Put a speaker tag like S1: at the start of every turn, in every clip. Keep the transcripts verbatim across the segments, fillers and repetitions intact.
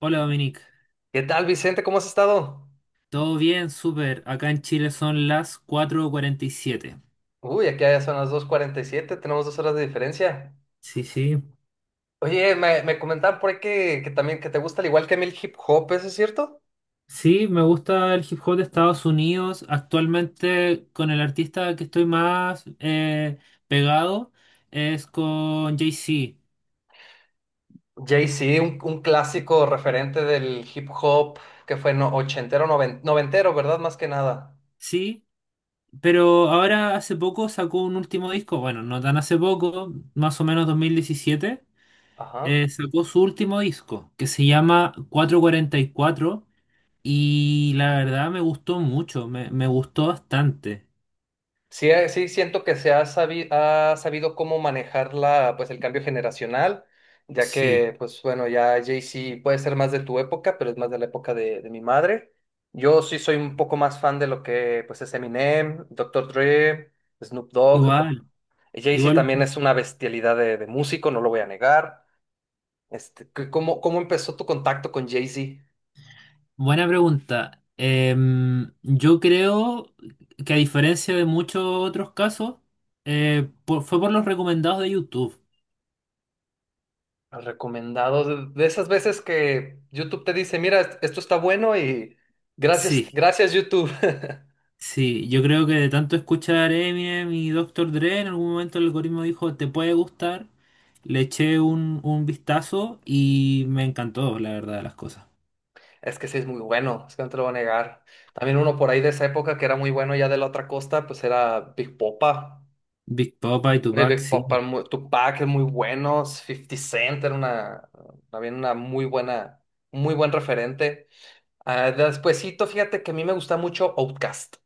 S1: Hola Dominic,
S2: ¿Qué tal, Vicente? ¿Cómo has estado?
S1: ¿todo bien? Súper. Acá en Chile son las cuatro cuarenta y siete.
S2: Uy, aquí ya son las dos cuarenta y siete. Tenemos dos horas de diferencia.
S1: Sí, sí.
S2: Oye, me, me comentaban por ahí que, que también que te gusta al igual que a mí el hip hop, ¿eso es cierto?
S1: Sí, me gusta el hip hop de Estados Unidos. Actualmente con el artista que estoy más eh, pegado es con Jay-Z.
S2: Jay-Z, un, un clásico referente del hip hop que fue no, ochentero, noven- noventero, ¿verdad? Más que nada.
S1: Sí, pero ahora hace poco sacó un último disco. Bueno, no tan hace poco, más o menos dos mil diecisiete. Eh,
S2: Ajá.
S1: sacó su último disco que se llama cuatro cuarenta y cuatro. Y la verdad me gustó mucho, me, me gustó bastante.
S2: Sí, eh, sí, siento que se ha sabido, ha sabido cómo manejar la, pues, el cambio generacional, ya
S1: Sí,
S2: que, pues bueno, ya Jay-Z puede ser más de tu época, pero es más de la época de, de mi madre. Yo sí soy un poco más fan de lo que pues, es Eminem, Doctor Dre, Snoop Dogg.
S1: igual,
S2: Jay-Z
S1: igual,
S2: también es una bestialidad de, de músico, no lo voy a negar. Este, ¿qué- ¿cómo, cómo empezó tu contacto con Jay-Z?
S1: buena pregunta. Em, yo creo que a diferencia de muchos otros casos, eh, por- fue por los recomendados de YouTube.
S2: Recomendado. De de esas veces que YouTube te dice, mira, est- esto está bueno y gracias,
S1: Sí,
S2: gracias YouTube.
S1: sí, yo creo que de tanto escuchar Eminem y Doctor Dre, en algún momento el algoritmo dijo, te puede gustar. Le eché un, un vistazo y me encantó, la verdad, de las cosas.
S2: Es que sí es muy bueno, es que no te lo voy a negar. También uno por ahí de esa época que era muy bueno ya de la otra costa, pues era Big Popa.
S1: Big Papa y
S2: Eh,
S1: Tupac,
S2: Big Popa,
S1: sí.
S2: muy- Tupac es muy bueno, cincuenta Cent era una, también una muy buena, muy buen referente. Ah, despuesito, fíjate que a mí me gusta mucho Outkast.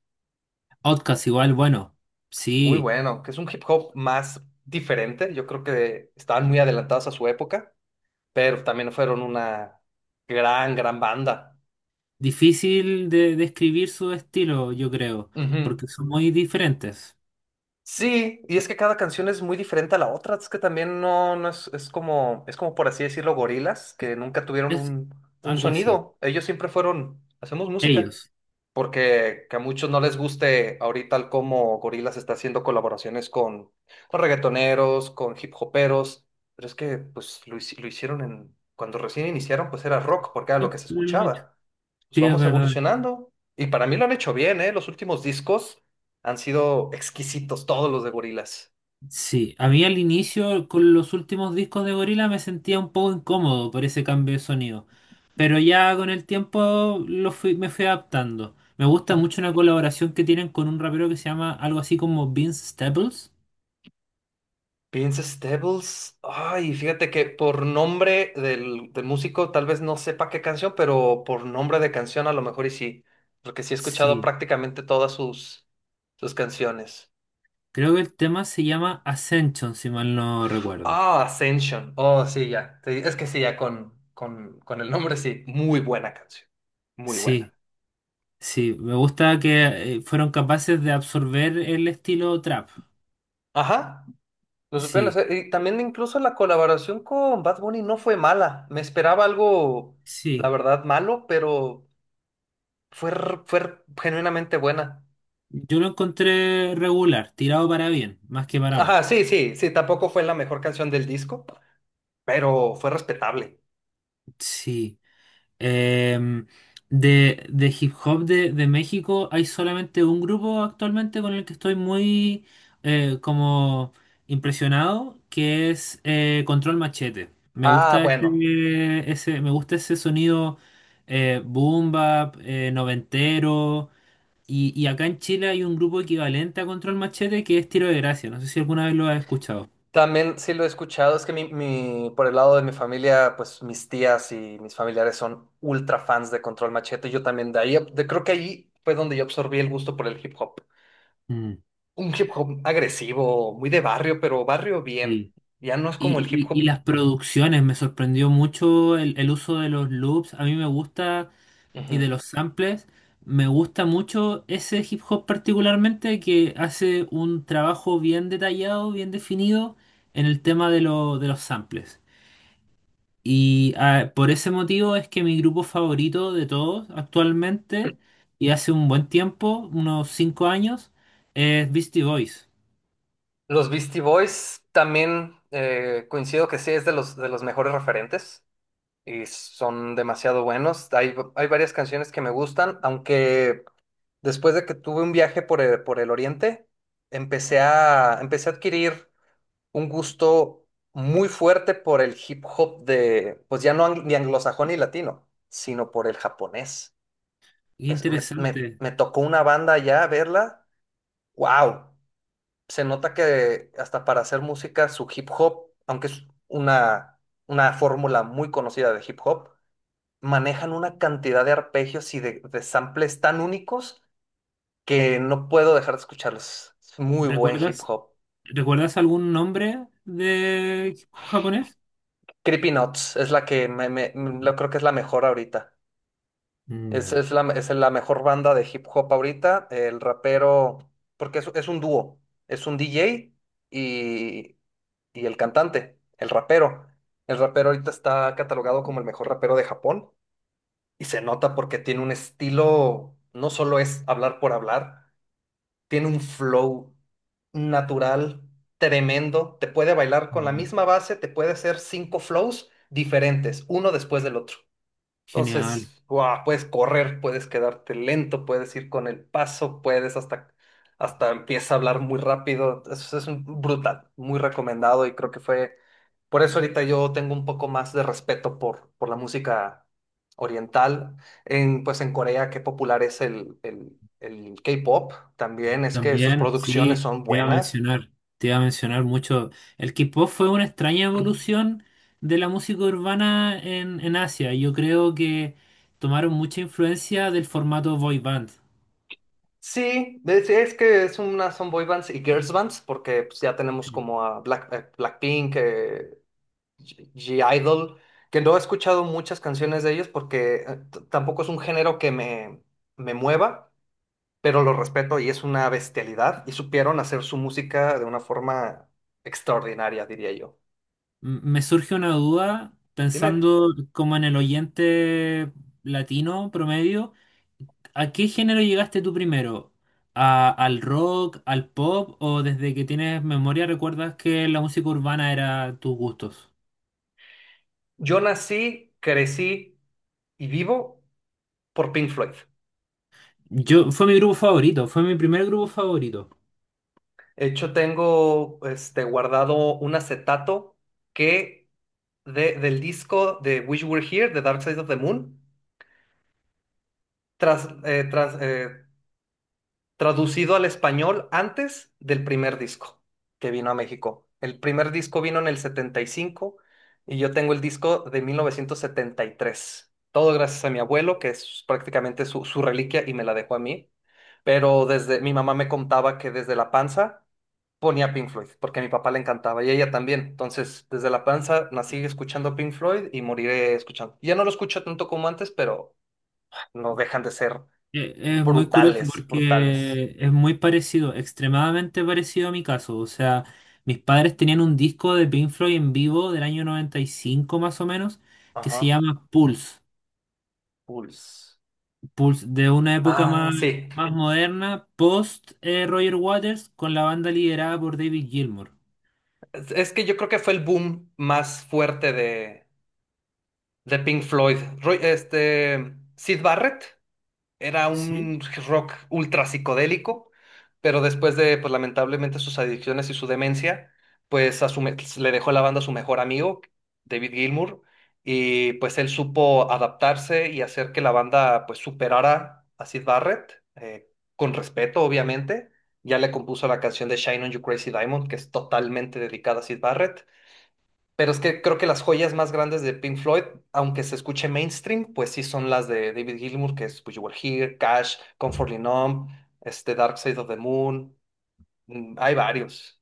S1: Outcast igual, bueno,
S2: Muy
S1: sí,
S2: bueno, que es un hip hop más diferente. Yo creo que estaban muy adelantados a su época, pero también fueron una gran, gran banda.
S1: difícil de describir su estilo, yo creo,
S2: Ujú.
S1: porque son muy diferentes.
S2: Sí, y es que cada canción es muy diferente a la otra, es que también no, no es, es como, es como por así decirlo, gorilas, que nunca tuvieron
S1: Es
S2: un, un
S1: algo así.
S2: sonido. Ellos siempre fueron, hacemos música,
S1: Ellos.
S2: porque que a muchos no les guste ahorita el cómo Gorilas está haciendo colaboraciones con, con reggaetoneros, con hip hoperos, pero es que pues lo, hici- lo hicieron en, cuando recién iniciaron, pues era rock, porque era lo que
S1: Siempre
S2: se
S1: lo han hecho.
S2: escuchaba. Pues
S1: Sí, es
S2: vamos
S1: verdad.
S2: evolucionando, y para mí lo han hecho bien, ¿eh? Los últimos discos. Han sido exquisitos todos los de Gorillaz.
S1: Sí, a mí al inicio con los últimos discos de Gorila me sentía un poco incómodo por ese cambio de sonido, pero ya con el tiempo lo fui- me fui adaptando. Me gusta mucho una colaboración que tienen con un rapero que se llama algo así como Vince Staples.
S2: Vince Staples. Ay, fíjate que por nombre del, del músico tal vez no sepa qué canción, pero por nombre de canción a lo mejor y sí. Porque sí he escuchado
S1: Sí.
S2: prácticamente todas sus, sus canciones.
S1: Creo que el tema se llama Ascension, si mal no recuerdo.
S2: Ah, Ascension. Oh, sí, ya. Sí, es que sí, ya con, con, con el nombre sí. Muy buena canción. Muy
S1: Sí,
S2: buena.
S1: sí, me gusta que eh, fueron capaces de absorber el estilo trap.
S2: Ajá. Lo supieron
S1: Sí,
S2: hacer. Y también incluso la colaboración con Bad Bunny no fue mala. Me esperaba algo, la
S1: sí.
S2: verdad, malo, pero fue, r- fue r- genuinamente buena.
S1: Yo lo encontré regular, tirado para bien, más que para
S2: Ajá,
S1: mal.
S2: sí, sí, sí, tampoco fue la mejor canción del disco, pero fue respetable.
S1: Sí. Em, de, de hip hop de, de México hay solamente un grupo actualmente con el que estoy muy eh, como impresionado, que es eh, Control Machete. Me
S2: Ah,
S1: gusta
S2: bueno.
S1: ese, ese- me gusta ese sonido eh, boom bap, eh, noventero. Y, y acá en Chile hay un grupo equivalente a Control Machete que es Tiro de Gracia. No sé si alguna vez lo has escuchado.
S2: También sí lo he escuchado, es que mi, mi- por el lado de mi familia, pues mis tías y mis familiares son ultra fans de Control Machete, yo también de ahí, de- creo que ahí fue donde yo absorbí el gusto por el hip hop.
S1: Mm,
S2: Un hip hop agresivo, muy de barrio, pero barrio bien.
S1: sí.
S2: Ya no es como el hip
S1: Y, y- y
S2: hop.
S1: las producciones, me sorprendió mucho el, el uso de los loops, a mí me gusta, y de
S2: Ujú.
S1: los samples, me gusta mucho ese hip hop particularmente que hace un trabajo bien detallado, bien definido en el tema de, lo- de los samples. Y ah, por ese motivo es que mi grupo favorito de todos actualmente, y hace un buen tiempo, unos cinco años, es Beastie Boys.
S2: Los Beastie Boys también eh, coincido que sí es de los, de los mejores referentes y son demasiado buenos. Hay, hay varias canciones que me gustan, aunque después de que tuve un viaje por el, por el Oriente, empecé a, empecé a adquirir un gusto muy fuerte por el hip hop de, pues ya no ang- ni anglosajón ni latino, sino por el japonés.
S1: Qué
S2: es- me, me-
S1: interesante.
S2: me tocó una banda ya verla. ¡Wow! Se nota que hasta para hacer música, su hip hop, aunque es una, una fórmula muy conocida de hip hop, manejan una cantidad de arpegios y de, de samples tan únicos que no puedo dejar de escucharlos. Es muy buen hip
S1: ¿Recuerdas?
S2: hop.
S1: ¿Recuerdas algún nombre de japonés?
S2: Creepy Nuts es la que me, me- me-
S1: No.
S2: lo creo que es la mejor ahorita.
S1: Mm,
S2: Es,
S1: ya.
S2: es la, es la mejor banda de hip hop ahorita. El rapero, porque es, es un dúo, es un D J y, y el cantante, el rapero. El rapero ahorita está catalogado como el mejor rapero de Japón y se nota porque tiene un estilo, no solo es hablar por hablar, tiene un flow natural, tremendo. Te puede bailar con la
S1: Mm,
S2: misma base, te puede hacer cinco flows diferentes, uno después del otro.
S1: genial.
S2: Entonces, ¡guau!, puedes correr, puedes quedarte lento, puedes ir con el paso, puedes hasta, hasta empieza a hablar muy rápido. Eso es un- brutal, muy recomendado y creo que fue por eso ahorita yo tengo un poco más de respeto por, por la música oriental. En, pues en Corea, qué popular es el, el, el K-pop. También es que sus
S1: También,
S2: producciones
S1: sí,
S2: son
S1: te iba a
S2: buenas.
S1: mencionar, te iba a mencionar mucho. El K-pop fue una extraña evolución de la música urbana en, en Asia. Yo creo que tomaron mucha influencia del formato boy band.
S2: Sí, es, es que es una son boy bands y girls bands, porque pues, ya tenemos
S1: Sí.
S2: como a Black, eh, Blackpink, eh, G- G-Idol, que no he escuchado muchas canciones de ellos porque eh, t- tampoco es un género que me, me mueva, pero lo respeto y es una bestialidad y supieron hacer su música de una forma extraordinaria, diría yo.
S1: M- Me surge una duda
S2: Dime,
S1: pensando como en el oyente latino promedio. ¿A qué género llegaste tú primero? ¿A- al rock, al pop o desde que tienes memoria recuerdas que la música urbana era tus gustos?
S2: yo nací, crecí y vivo por Pink Floyd.
S1: Yo, fue mi grupo favorito, fue mi primer grupo favorito.
S2: De hecho, tengo este, guardado un acetato que de- del disco de Wish You Were Here, de Dark Side of the Moon, tras, eh, tras- eh, traducido al español antes del primer disco que vino a México. El primer disco vino en el setenta y cinco y cinco y yo tengo el disco de mil novecientos setenta y tres. Todo gracias a mi abuelo, que es prácticamente su, su reliquia y me la dejó a mí. Pero desde mi mamá me contaba que desde la panza ponía Pink Floyd, porque a mi papá le encantaba y a ella también. Entonces, desde la panza nací escuchando Pink Floyd y moriré escuchando. Ya no lo escucho tanto como antes, pero no dejan de ser
S1: Eh, Es muy curioso
S2: brutales, brutales.
S1: porque es muy parecido, extremadamente parecido a mi caso. O sea, mis padres tenían un disco de Pink Floyd en vivo del año noventa y cinco más o menos que
S2: Ajá.
S1: se llama Pulse.
S2: Pulse.
S1: Pulse de una época
S2: Ah,
S1: más,
S2: sí.
S1: más moderna, post eh, Roger Waters, con la banda liderada por David Gilmour.
S2: Es, es que yo creo que fue el boom más fuerte de, de Pink Floyd. Roy- este, Sid Barrett. Era
S1: Sí,
S2: un rock ultra psicodélico, pero después de, pues lamentablemente, sus adicciones y su demencia, pues a su me- pues, le dejó la banda a su mejor amigo, David Gilmour, y pues él supo adaptarse y hacer que la banda pues superara a Sid Barrett, eh, con respeto, obviamente. Ya le compuso la canción de Shine on You Crazy Diamond, que es totalmente dedicada a Sid Barrett. Pero es que creo que las joyas más grandes de Pink Floyd, aunque se escuche mainstream, pues sí son las de David Gilmour, que es Wish You Were Here, Cash, Comfortably Numb, este Dark Side of the Moon. mm, Hay varios.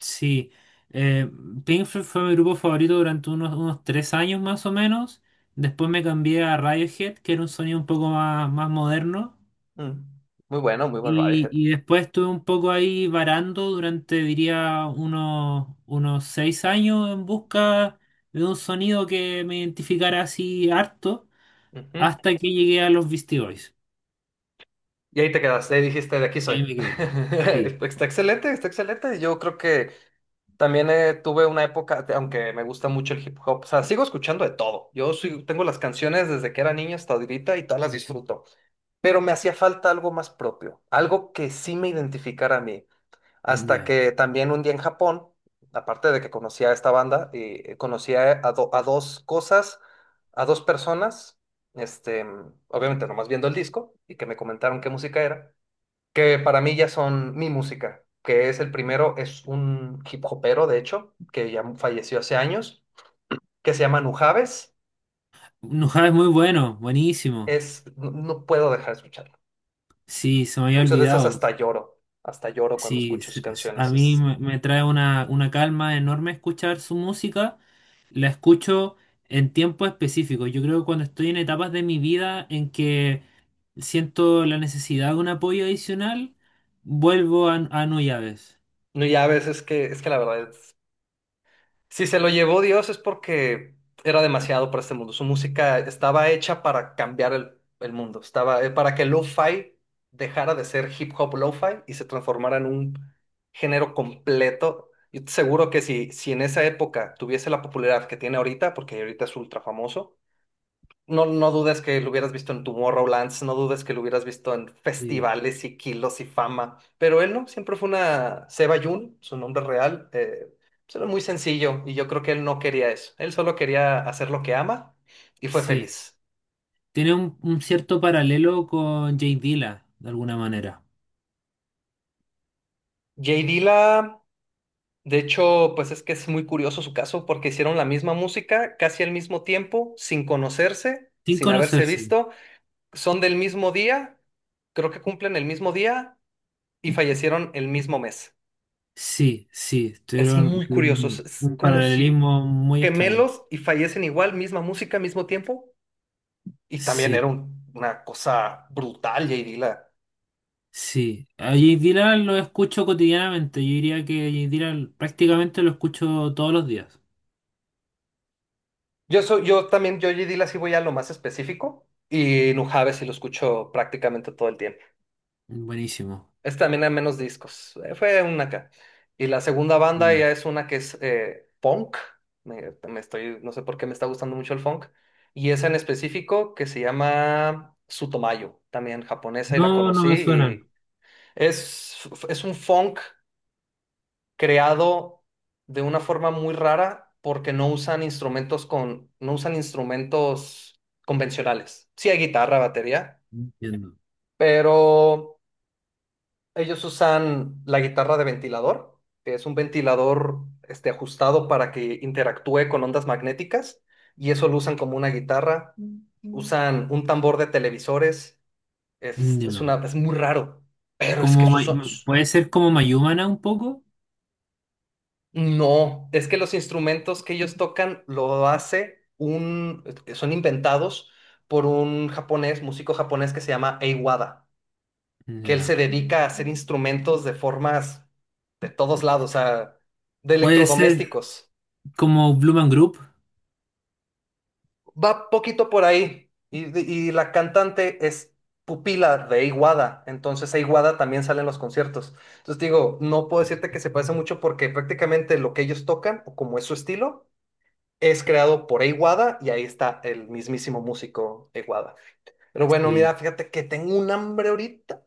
S1: sí. Eh, Pink Floyd fue mi grupo favorito durante unos, unos tres años más o menos. Después me cambié a Radiohead, que era un sonido un poco más, más moderno.
S2: Mm, Muy bueno, muy buen
S1: Y,
S2: Radiohead.
S1: y después estuve un poco ahí varando durante, diría, unos, unos seis años en busca de un sonido que me identificara así harto,
S2: Ujú.
S1: hasta que llegué a los Beastie Boys.
S2: Y ahí te quedaste, ahí dijiste, de aquí
S1: Y ahí
S2: soy.
S1: me quedé. Sí,
S2: Está excelente, está excelente. Yo creo que también eh, tuve una época, aunque me gusta mucho el hip hop, o sea, sigo escuchando de todo. Yo sí tengo las canciones desde que era niño hasta ahorita y todas las disfruto. Pero me hacía falta algo más propio, algo que sí me identificara a mí. Hasta
S1: ya.
S2: que también un día en Japón, aparte de que conocía a esta banda, eh, conocía a, do- a dos cosas, a dos personas, este, obviamente nomás viendo el disco y que me comentaron qué música era, que para mí ya son mi música, que es el primero, es un hip hopero, de hecho, que ya falleció hace años, que se llama Nujaves,
S1: Nujaba es muy bueno, buenísimo.
S2: es, no no puedo dejar de escucharlo.
S1: Sí, se me había
S2: Muchas veces
S1: olvidado.
S2: hasta lloro, hasta lloro cuando
S1: Sí,
S2: escucho sus
S1: se- se- a
S2: canciones.
S1: mí
S2: Es,
S1: me, me trae una, una calma enorme escuchar su música. La escucho en tiempo específico. Yo creo que cuando estoy en etapas de mi vida en que siento la necesidad de un apoyo adicional, vuelvo a, a no.
S2: no, ya a veces que, es que la verdad es, si se lo llevó Dios es porque era demasiado para este mundo. Su música estaba hecha para cambiar el, el mundo, estaba eh, para que el lo-fi dejara de ser hip hop lo-fi y se transformara en un género completo. Yo te seguro que si, si en esa época tuviese la popularidad que tiene ahorita, porque ahorita es ultra famoso, no, no dudes que lo hubieras visto en Tomorrowlands, no dudes que lo hubieras visto en
S1: Sí,
S2: festivales y kilos y fama, pero él no, siempre fue una Seba Yun, su nombre real, eh, pues era muy sencillo y yo creo que él no quería eso, él solo quería hacer lo que ama y fue
S1: sí.
S2: feliz.
S1: Tiene un, un cierto paralelo con Jay Dilla, de alguna manera.
S2: Jay Dilla, de hecho, pues es que es muy curioso su caso porque hicieron la misma música casi al mismo tiempo, sin conocerse,
S1: Sin
S2: sin haberse
S1: conocerse.
S2: visto, son del mismo día, creo que cumplen el mismo día y fallecieron el mismo mes.
S1: Sí, sí,
S2: Es
S1: tuvieron,
S2: muy curioso, es,
S1: tuvieron
S2: es
S1: un
S2: como si
S1: paralelismo muy extraño.
S2: gemelos y fallecen igual, misma música, mismo tiempo. Y también
S1: Sí,
S2: era un- una cosa brutal, J. Dilla.
S1: sí. A J Dylan lo escucho cotidianamente. Yo diría que J Dylan prácticamente lo escucho todos los días.
S2: Yo, soy, yo también, yo J. Dilla sí voy a lo más específico y Nujabes sí lo escucho prácticamente todo el tiempo.
S1: Buenísimo.
S2: Es también hay menos discos, eh, fue una acá. Y la segunda banda
S1: Sí.
S2: ya es una que es eh, funk, me, me estoy, no sé por qué me está gustando mucho el funk. Y esa en específico que se llama Sutomayo, también japonesa y la
S1: No, no me suenan.
S2: conocí. Es, es un funk creado de una forma muy rara porque no usan instrumentos con, no usan instrumentos convencionales. Sí hay guitarra, batería,
S1: No entiendo.
S2: pero ellos usan la guitarra de ventilador, que es un ventilador este, ajustado para que interactúe con ondas magnéticas, y eso lo usan como una guitarra. Usan un tambor de televisores. Es, es
S1: Ya.
S2: una, es muy raro, pero es que
S1: Como, May-
S2: sus,
S1: puede ser como Mayumana un poco.
S2: no, es que los instrumentos que ellos tocan lo hace un, eh, son inventados por un japonés, músico japonés que se llama Eiwada, que él se
S1: Ya.
S2: dedica a hacer instrumentos de formas de todos lados, o sea, de
S1: Puede ser
S2: electrodomésticos.
S1: como Blue Man Group.
S2: Va poquito por ahí. Y, de- y la cantante es pupila de Eiwada, entonces Eiwada también sale en los conciertos. Entonces digo, no puedo decirte que se parece mucho porque prácticamente lo que ellos tocan, o como es su estilo, es creado por Eiwada y ahí está el mismísimo músico Eiwada. Pero bueno,
S1: Sí.
S2: mira, fíjate que tengo un hambre ahorita,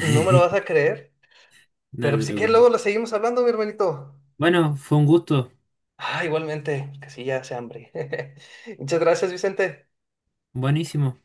S2: no me lo vas a creer,
S1: No
S2: pero
S1: te
S2: si quieres luego lo
S1: preocupes.
S2: seguimos hablando, mi hermanito.
S1: Bueno, fue un gusto.
S2: Ah, igualmente, que sí, ya hace hambre. Muchas gracias, Vicente.
S1: Buenísimo.